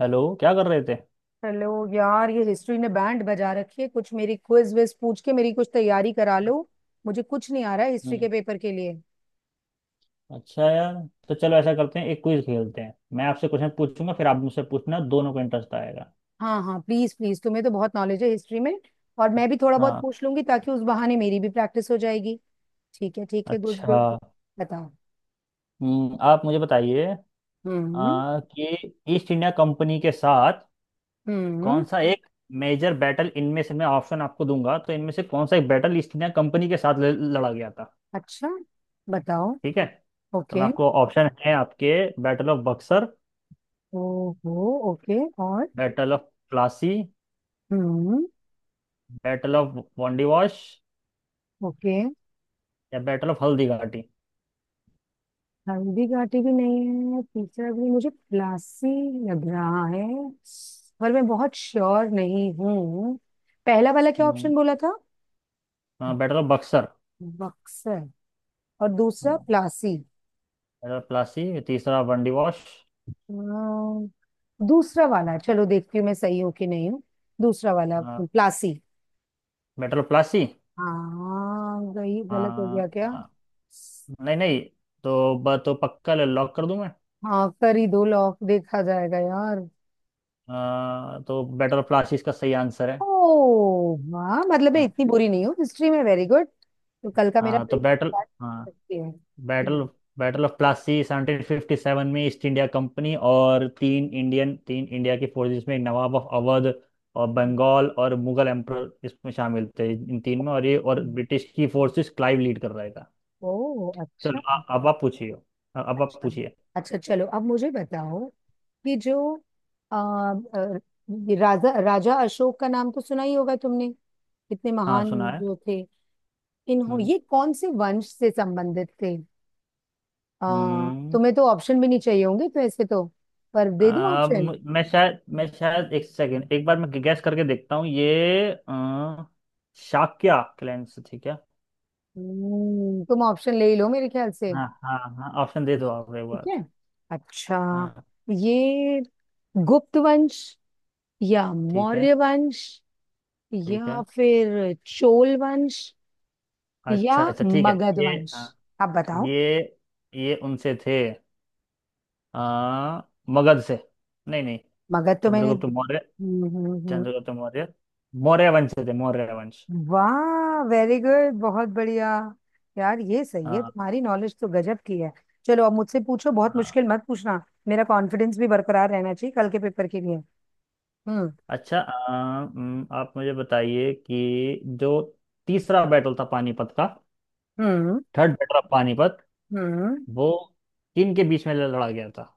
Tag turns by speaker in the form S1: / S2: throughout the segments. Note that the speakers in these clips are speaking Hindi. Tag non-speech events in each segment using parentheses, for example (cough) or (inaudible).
S1: हेलो, क्या कर रहे थे?
S2: हेलो। यार, ये हिस्ट्री ने बैंड बजा रखी है। कुछ मेरी क्विज विज पूछ के मेरी कुछ तैयारी करा लो। मुझे कुछ नहीं आ रहा है हिस्ट्री
S1: हम्म।
S2: के पेपर के लिए।
S1: अच्छा यार, तो चलो ऐसा करते हैं, एक क्विज खेलते हैं। मैं आपसे क्वेश्चन पूछूंगा, फिर आप मुझसे पूछना, दोनों को इंटरेस्ट आएगा।
S2: हाँ हाँ, प्लीज प्लीज, तुम्हें तो बहुत नॉलेज है हिस्ट्री में। और मैं भी थोड़ा बहुत
S1: हाँ।
S2: पूछ लूंगी ताकि उस बहाने मेरी भी प्रैक्टिस हो जाएगी। ठीक है ठीक है, गुड
S1: अच्छा।
S2: गुड। बताओ।
S1: आप मुझे बताइए
S2: हम्म।
S1: कि ईस्ट इंडिया कंपनी के साथ कौन
S2: हम्म।
S1: सा एक मेजर बैटल, इनमें से मैं ऑप्शन आपको दूंगा, तो इनमें से कौन सा एक बैटल ईस्ट इंडिया कंपनी के साथ लड़ा गया था।
S2: अच्छा, बताओ।
S1: ठीक है, तो मैं
S2: ओके।
S1: आपको ऑप्शन है आपके: बैटल ऑफ बक्सर,
S2: ओहो। ओके, और?
S1: बैटल ऑफ प्लासी,
S2: हम्म।
S1: Battle of Wandiwash,
S2: okay.
S1: या battle of Haldighati.
S2: Haldighati भी नहीं है, तीसरा भी। मुझे प्लासी लग रहा है, पर मैं बहुत श्योर नहीं हूँ। पहला वाला क्या
S1: हम्म,
S2: ऑप्शन बोला था?
S1: हाँ, बेटर बक्सर,
S2: बक्सर, और दूसरा प्लासी।
S1: मेटल प्लासी, तीसरा बंडी वॉश।
S2: अम्म, दूसरा वाला। चलो देखती हूँ मैं सही हूँ कि नहीं हूँ। दूसरा वाला प्लासी।
S1: मेटल प्लासी।
S2: हाँ, गई, गलत हो गया
S1: हाँ।
S2: क्या?
S1: हाँ। नहीं नहीं, तो पक्का ले लॉक कर दूं मैं?
S2: हाँ कर ही दो लॉक, देखा जाएगा यार।
S1: तो बैटल ऑफ प्लासी इसका सही आंसर है।
S2: ओह वाह, मतलब मैं
S1: हाँ।
S2: इतनी बुरी नहीं हूँ हिस्ट्री में। Very good. तो कल का मेरा
S1: हाँ, तो
S2: पेपर
S1: बैटल।
S2: स्टार्ट
S1: हाँ,
S2: करते हैं।
S1: बैटल।
S2: हम्म।
S1: बैटल ऑफ प्लासी 1757 में ईस्ट इंडिया कंपनी और तीन इंडिया की फोर्सेस में, नवाब ऑफ अवध और
S2: हम्म।
S1: बंगाल और मुगल एम्पर इसमें शामिल थे इन तीन में, और ये और
S2: हम्म।
S1: ब्रिटिश की फोर्सेस, क्लाइव लीड कर रहा है।
S2: ओह,
S1: चलो,
S2: अच्छा।
S1: अब आप पूछिए। अब आप
S2: अच्छा
S1: पूछिए।
S2: अच्छा, चलो अब मुझे बताओ कि जो अ, अ, ये राजा राजा अशोक का नाम तो सुना ही होगा तुमने, कितने
S1: हाँ,
S2: महान
S1: सुना है।
S2: जो थे। इन्हों,
S1: हम्म।
S2: ये कौन से वंश से संबंधित थे?
S1: हम्म।
S2: तुम्हें तो ऑप्शन भी नहीं चाहिए होंगे तो ऐसे तो, पर दे दो ऑप्शन।
S1: मैं शायद एक सेकेंड, एक बार मैं गैस करके देखता हूँ ये। शाक्या क्लैन से? ठीक है।
S2: तुम ऑप्शन ले ही लो मेरे ख्याल से।
S1: हाँ हाँ हाँ, ऑप्शन दे दो आप एक
S2: ठीक
S1: बार।
S2: है। अच्छा,
S1: हाँ।
S2: ये गुप्त वंश, या
S1: ठीक है।
S2: मौर्य वंश,
S1: ठीक
S2: या
S1: है।
S2: फिर चोल वंश, या
S1: अच्छा। अच्छा, ठीक है
S2: मगध
S1: ये।
S2: वंश?
S1: हाँ,
S2: आप बताओ।
S1: ये ये उनसे थे। आ, मगध से। नहीं नहीं,
S2: मगध तो मैंने।
S1: चंद्रगुप्त मौर्य
S2: हम्म हम्म, हम्म।
S1: चंद्रगुप्त मौर्य, मौर्य वंश से थे, मौर्य वंश।
S2: वाह, वेरी गुड, बहुत बढ़िया। यार, ये सही है तुम्हारी नॉलेज तो गजब की है। चलो अब मुझसे पूछो, बहुत
S1: हाँ।
S2: मुश्किल मत पूछना। मेरा कॉन्फिडेंस भी बरकरार रहना चाहिए कल के पेपर के लिए। हम्म।
S1: अच्छा, आप मुझे बताइए कि जो तीसरा बैटल था पानीपत का,
S2: हम्म।
S1: थर्ड बैटल ऑफ पानीपत,
S2: हम्म।
S1: वो किन के बीच में लड़ा गया था?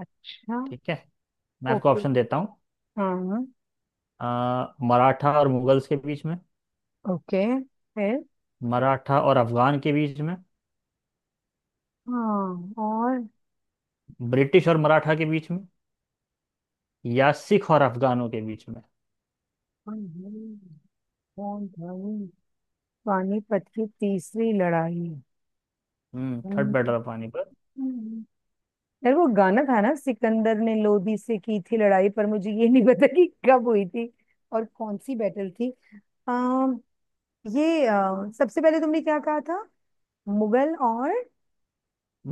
S2: अच्छा।
S1: ठीक है, मैं आपको
S2: ओके।
S1: ऑप्शन देता हूँ।
S2: हाँ।
S1: आ, मराठा और मुगल्स के बीच में,
S2: ओके, फिर?
S1: मराठा और अफगान के बीच में,
S2: हाँ, और?
S1: ब्रिटिश और मराठा के बीच में, या सिख और अफगानों के बीच में।
S2: कौन था ये? पानीपत की तीसरी लड़ाई।
S1: हम्म। थर्ड
S2: हम्म।
S1: Battle of Panipat.
S2: यार वो गाना था ना, सिकंदर ने लोदी से की थी लड़ाई, पर मुझे ये नहीं पता कि कब हुई थी और कौन सी बैटल थी। अम, ये सबसे पहले तुमने क्या कहा था? मुगल और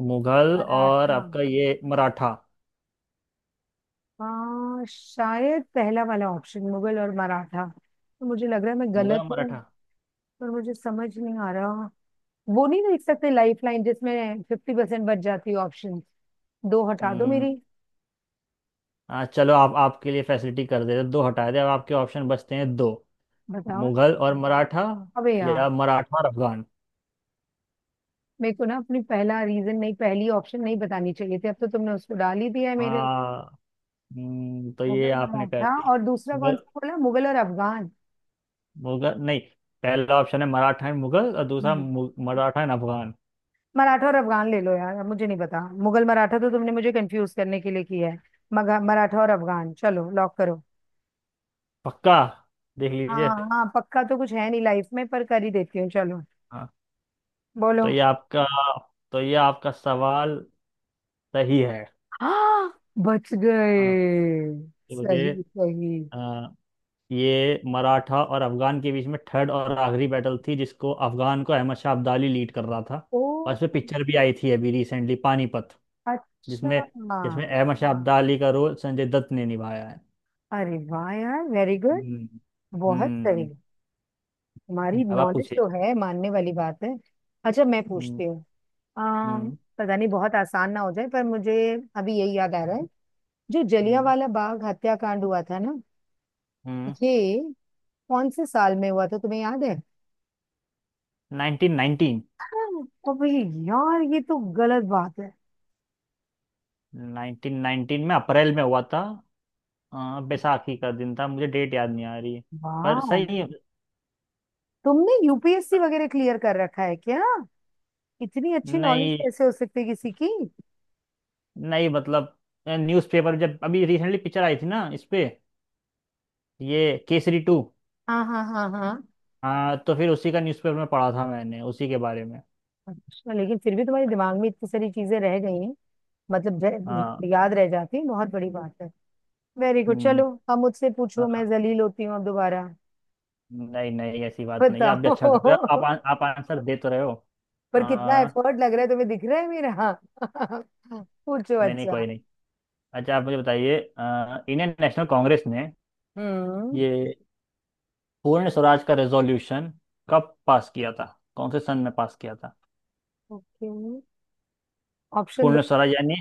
S1: मुगल और
S2: मराठा।
S1: आपका ये मराठा,
S2: शायद पहला वाला ऑप्शन मुगल और मराठा, तो मुझे लग रहा है मैं
S1: मुगल और
S2: गलत हूँ,
S1: मराठा।
S2: पर मुझे समझ नहीं आ रहा। वो नहीं देख सकते लाइफ लाइन जिसमें 50% बच जाती है? ऑप्शन दो हटा दो मेरी।
S1: हम्म। चलो आप, आपके लिए फैसिलिटी कर देते, दो हटा दे। अब आपके ऑप्शन बचते हैं दो:
S2: बताओ।
S1: मुगल और मराठा,
S2: अबे यार,
S1: या मराठा और अफगान।
S2: मेरे को ना अपनी पहला रीजन नहीं, पहली ऑप्शन नहीं बतानी चाहिए थी। अब तो तुमने उसको डाल ही दिया है मेरे।
S1: हाँ। तो ये
S2: मुगल
S1: आपने कर
S2: मराठा,
S1: दिया।
S2: और दूसरा कौन
S1: मुगल,
S2: सा बोला, मुगल और अफगान?
S1: मुगल नहीं, पहला ऑप्शन है मराठा एंड मुगल, और दूसरा
S2: हम्म,
S1: मराठा एंड अफगान।
S2: मराठा और अफगान ले लो यार। अब मुझे नहीं पता, मुगल मराठा तो तुमने मुझे कंफ्यूज करने के लिए किया है। मगा मराठा और अफगान, चलो लॉक करो।
S1: पक्का, देख लीजिए।
S2: हाँ हाँ पक्का तो कुछ है नहीं लाइफ में, पर कर ही देती हूँ। चलो,
S1: हाँ।
S2: बोलो।
S1: तो ये आपका तो ये आपका सवाल सही है।
S2: हाँ, बच
S1: हाँ।
S2: गए।
S1: तो
S2: सही
S1: ये
S2: सही।
S1: ये मराठा और अफगान के बीच में थर्ड और आखिरी बैटल थी, जिसको अफगान को अहमद शाह अब्दाली लीड कर रहा था।
S2: ओ,
S1: और इसमें पिक्चर भी आई थी अभी रिसेंटली, पानीपत,
S2: अच्छा।
S1: जिसमें जिसमें अहमद शाह अब्दाली का रोल संजय दत्त ने निभाया है।
S2: अरे वाह यार, वेरी गुड,
S1: हम्म।
S2: बहुत सही।
S1: हम्म।
S2: हमारी
S1: अब आप
S2: नॉलेज
S1: पूछिए।
S2: तो है मानने वाली बात है। अच्छा मैं
S1: हम्म।
S2: पूछती हूँ। आ,
S1: हम्म।
S2: पता नहीं बहुत आसान ना हो जाए, पर मुझे अभी यही याद आ रहा है। जो
S1: हम्म।
S2: जलियांवाला बाग हत्याकांड हुआ था ना,
S1: हम्म।
S2: ये कौन से साल में हुआ था, तुम्हें याद है?
S1: 1919।
S2: हाँ, अबे यार ये तो गलत बात है।
S1: 1919 में अप्रैल में हुआ था। बैसाखी का दिन था, मुझे डेट याद नहीं आ रही है, पर
S2: वाह,
S1: सही है।
S2: तुमने यूपीएससी वगैरह क्लियर कर रखा है क्या? इतनी अच्छी नॉलेज
S1: नहीं
S2: कैसे हो सकती है किसी की?
S1: नहीं, मतलब न्यूज़पेपर, जब अभी रिसेंटली पिक्चर आई थी ना इस पे, ये केसरी टू।
S2: हाँ हाँ हाँ हाँ।
S1: हाँ, तो फिर उसी का न्यूज़पेपर में पढ़ा था मैंने उसी के बारे में।
S2: अच्छा, लेकिन फिर भी तुम्हारे दिमाग में इतनी सारी चीजें रह गई हैं, मतलब
S1: हाँ।
S2: याद रह जाती है, बहुत बड़ी बात है। वेरी गुड,
S1: हम्म,
S2: चलो अब मुझसे पूछो, मैं
S1: हाँ।
S2: जलील होती हूँ अब दोबारा।
S1: नहीं नहीं, ऐसी बात नहीं है, आप भी
S2: बताओ।
S1: अच्छा कर रहे हो, आप आप आंसर दे तो रहे हो।
S2: (laughs) पर कितना
S1: आ,
S2: एफर्ट लग रहा है तुम्हें दिख रहा है मेरा। (laughs) पूछो,
S1: नहीं नहीं,
S2: अच्छा।
S1: कोई नहीं। अच्छा, आप मुझे बताइए, इंडियन नेशनल कांग्रेस ने
S2: हम्म।
S1: ये पूर्ण स्वराज का रेजोल्यूशन कब पास किया था? कौन से सन में पास किया था?
S2: ओके, ऑप्शन दो।
S1: पूर्ण स्वराज यानी,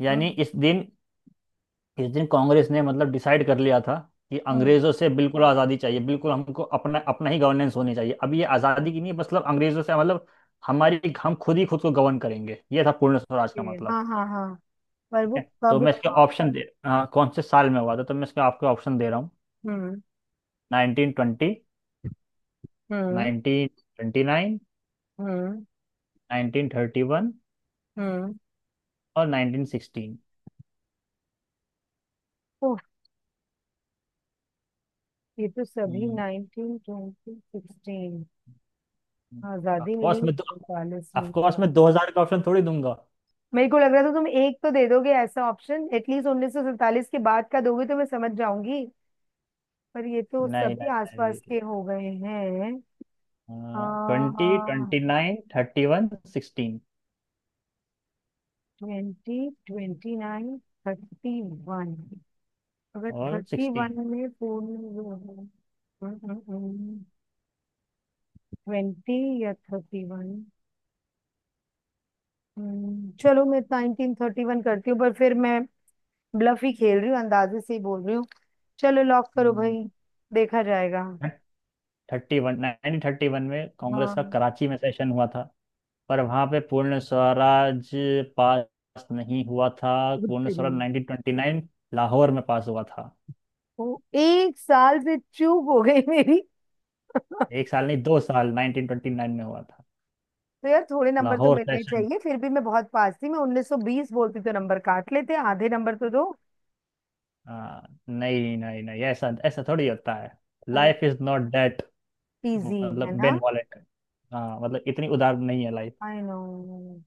S1: यानी
S2: हम्म।
S1: इस दिन इस दिन कांग्रेस ने मतलब डिसाइड कर लिया था कि
S2: हम्म।
S1: अंग्रेजों से बिल्कुल आज़ादी चाहिए, बिल्कुल हमको अपना, अपना ही गवर्नेंस होनी चाहिए। अब ये आज़ादी की नहीं है, मतलब अंग्रेजों से, मतलब हमारी, हम खुद ही खुद को गवर्न करेंगे, ये था पूर्ण स्वराज का
S2: okay,
S1: मतलब।
S2: हाँ हाँ हाँ, पर
S1: ठीक
S2: वो
S1: है, तो
S2: कब
S1: मैं इसके
S2: था?
S1: ऑप्शन दे, हाँ, कौन से साल में हुआ था, तो मैं इसके आपको ऑप्शन दे रहा हूँ:
S2: हम्म।
S1: 1920,
S2: हम्म।
S1: नाइनटीन ट्वेंटी नाइन,
S2: हम्म।
S1: 1931,
S2: हम्म।
S1: और 1916।
S2: ओह, ये तो सभी 1920, 2016। आजादी मिली
S1: ऑफकोर्स
S2: है
S1: मैं दो
S2: 47 में।
S1: ऑफकोर्स मैं 2000 का ऑप्शन थोड़ी दूंगा।
S2: मेरे को लग रहा था तुम एक तो दे दोगे ऐसा ऑप्शन, एटलीस्ट 1947 के बाद का दोगे तो मैं समझ जाऊंगी, पर ये तो
S1: नहीं
S2: सभी
S1: नहीं
S2: आसपास के
S1: नहीं,
S2: हो गए हैं।
S1: ट्वेंटी,
S2: आ,
S1: twenty nine, thirty one, sixteen.
S2: Twenty, twenty nine, thirty one. अगर
S1: और
S2: 1931
S1: सिक्सटीन।
S2: में पूर्ण। ट्वेंटी या 1931। चलो मैं 1931 करती हूँ, पर फिर मैं ब्लफ ही खेल रही हूँ, अंदाजे से ही बोल रही हूँ। चलो लॉक करो
S1: हम्म,
S2: भाई, देखा जाएगा।
S1: Thirty one. 1931 में कांग्रेस का
S2: हाँ।
S1: कराची में सेशन हुआ था, पर वहाँ पे पूर्ण स्वराज पास नहीं हुआ था।
S2: खुद
S1: पूर्ण स्वराज
S2: करिए।
S1: 1929 लाहौर में पास हुआ था।
S2: ओ, एक साल से चूक हो गई मेरी। (laughs)
S1: एक साल नहीं, 2 साल। 1929 में हुआ था,
S2: तो यार थोड़े नंबर तो
S1: लाहौर
S2: मिलने
S1: सेशन।
S2: चाहिए, फिर भी मैं बहुत पास थी, मैं 1920 बोलती तो नंबर काट लेते, आधे नंबर तो दो।
S1: हाँ, नहीं नहीं नहीं, ऐसा ऐसा थोड़ी होता है। Life is not that,
S2: easy है
S1: मतलब
S2: ना।
S1: बेन वॉलेट। हाँ, मतलब इतनी उदार नहीं है
S2: आई नो।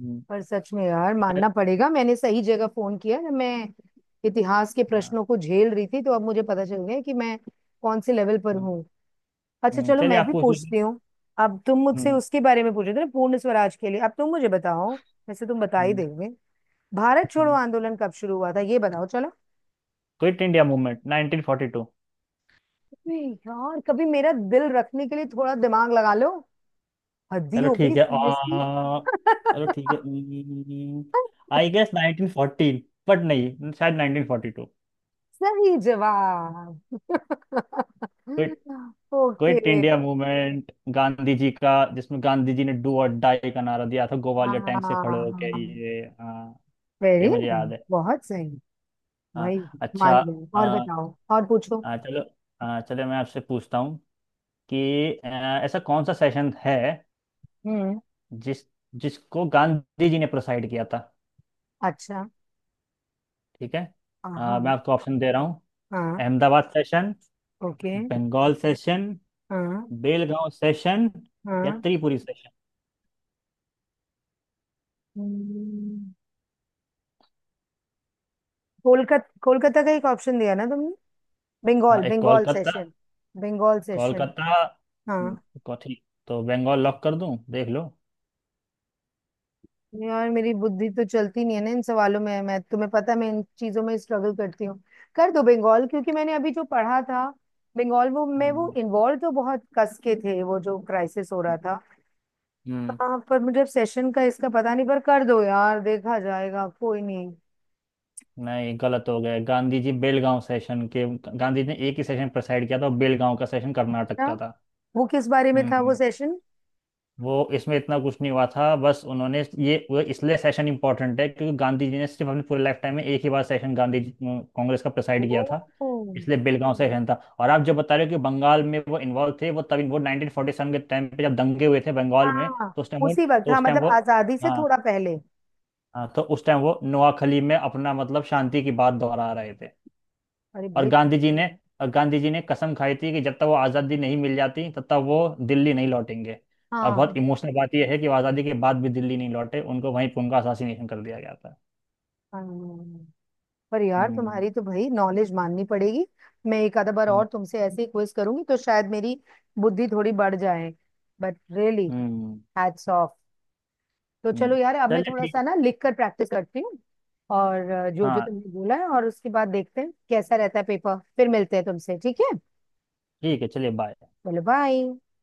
S1: लाइफ।
S2: पर सच में यार मानना पड़ेगा, मैंने सही जगह फोन किया जब मैं इतिहास के
S1: हाँ।
S2: प्रश्नों को झेल रही थी, तो अब मुझे पता चल गया कि मैं कौन से लेवल पर
S1: हम्म।
S2: हूँ। अच्छा चलो,
S1: चलिए
S2: मैं
S1: आप
S2: भी
S1: पूछ लीजिए।
S2: पूछती हूँ। अब तुम मुझसे
S1: हम्म।
S2: उसके बारे में पूछ रहे थे ना, पूर्ण स्वराज के लिए, अब तुम मुझे बताओ। वैसे तुम बता ही
S1: हम्म।
S2: दोगे। भारत छोड़ो
S1: हम्म।
S2: आंदोलन कब शुरू हुआ था, ये बताओ चलो।
S1: Quit India movement 1942।
S2: अबे यार, कभी मेरा दिल रखने के लिए थोड़ा दिमाग लगा लो। हद ही
S1: चलो
S2: हो गई
S1: ठीक है,
S2: सीरियसली।
S1: चलो ठीक है।
S2: (laughs)
S1: आई गेस 1914, बट नहीं, शायद 1942।
S2: सही जवाब।
S1: Quit
S2: (laughs) okay.
S1: Quit India movement Gandhi ji का, जिसमें गांधी जी ने डू और डाई का नारा दिया था ग्वालियर टैंक से खड़े होके,
S2: हाँ।
S1: ये, हाँ।
S2: वेरी
S1: ये मुझे याद
S2: नाइस,
S1: है।
S2: बहुत सही।
S1: हाँ।
S2: भाई, मान
S1: अच्छा।
S2: गई। और
S1: हाँ।
S2: बताओ, और पूछो।
S1: हाँ, चलो। हाँ, चलो मैं आपसे पूछता हूँ कि अ, ऐसा कौन सा सेशन है
S2: हम्म।
S1: जिस जिसको गांधी जी ने प्रोसाइड किया था?
S2: अच्छा।
S1: ठीक है, मैं
S2: हाँ।
S1: आपको ऑप्शन दे रहा हूँ:
S2: हाँ।
S1: Ahmedabad session,
S2: okay.
S1: Bengal session,
S2: हाँ।
S1: बेलगांव सेशन, या
S2: हाँ।
S1: त्रिपुरी सेशन।
S2: हम्म, कोलकाता, कोलकाता का एक ऑप्शन दिया ना तुमने?
S1: हाँ,
S2: बंगाल,
S1: एक
S2: बंगाल
S1: कोलकाता।
S2: सेशन। बंगाल सेशन।
S1: कोलकाता। हम्म,
S2: हाँ।
S1: को ठीक, तो बंगाल लॉक कर दूं, देख लो।
S2: यार मेरी बुद्धि तो चलती नहीं है ना इन सवालों में, मैं, तुम्हें पता है मैं इन चीजों में स्ट्रगल करती हूँ। कर दो बंगाल, क्योंकि मैंने अभी जो पढ़ा था, बंगाल वो में वो
S1: हम्म।
S2: इन्वॉल्व तो बहुत कस के थे, वो जो क्राइसिस हो रहा था।
S1: हम्म,
S2: हाँ, पर मुझे सेशन का इसका पता नहीं, पर कर दो यार, देखा जाएगा, कोई नहीं।
S1: नहीं, गलत हो गया। गांधी जी बेलगांव सेशन के, गांधी जी ने एक ही सेशन प्रेसाइड किया था, और बेलगांव का सेशन कर्नाटक
S2: अच्छा,
S1: का था।
S2: वो किस बारे में था वो
S1: हम्म
S2: सेशन?
S1: वो इसमें इतना कुछ नहीं हुआ था, बस उन्होंने ये, वो, इसलिए सेशन इंपॉर्टेंट है क्योंकि गांधी जी ने सिर्फ अपने पूरे लाइफ टाइम में एक ही बार सेशन, कांग्रेस का प्रेसाइड किया था,
S2: ओ।
S1: इसलिए बेलगांव सेशन था। और आप जो बता रहे हो कि बंगाल में वो इन्वॉल्व थे, वो तब वो 1947 के टाइम पे जब दंगे हुए थे बंगाल में,
S2: हाँ,
S1: तो उस टाइम वो
S2: उसी वक्त,
S1: तो
S2: हाँ,
S1: उस टाइम
S2: मतलब
S1: वो,
S2: आजादी से
S1: हाँ।
S2: थोड़ा पहले।
S1: हाँ, तो उस टाइम वो नोआखली में अपना, मतलब शांति की बात दोहरा रहे थे।
S2: अरे
S1: और
S2: भाई।
S1: गांधी जी ने और गांधी जी ने कसम खाई थी कि जब तक वो आज़ादी नहीं मिल जाती तब तक वो दिल्ली नहीं लौटेंगे। और बहुत
S2: हाँ।
S1: इमोशनल बात यह है कि वो आज़ादी के बाद भी दिल्ली नहीं लौटे, उनको वहीं पे उनका असासीनेशन कर दिया गया था।
S2: हाँ। पर यार
S1: हम्म।
S2: तुम्हारी तो भाई नॉलेज माननी पड़ेगी। मैं एक आधा बार
S1: हम्म।
S2: और तुमसे ऐसे ही क्विज करूंगी तो शायद मेरी बुद्धि थोड़ी बढ़ जाए। But really,
S1: hmm.
S2: Hats off. तो
S1: हम्म।
S2: चलो यार, अब मैं
S1: चलिए
S2: थोड़ा
S1: ठीक
S2: सा
S1: है।
S2: ना लिख कर प्रैक्टिस करती हूँ और जो जो
S1: हाँ,
S2: तुमने बोला है, और उसके बाद देखते हैं कैसा रहता है पेपर। फिर मिलते हैं तुमसे, ठीक है?
S1: ठीक है, चलिए, बाय।
S2: बोलो बाय।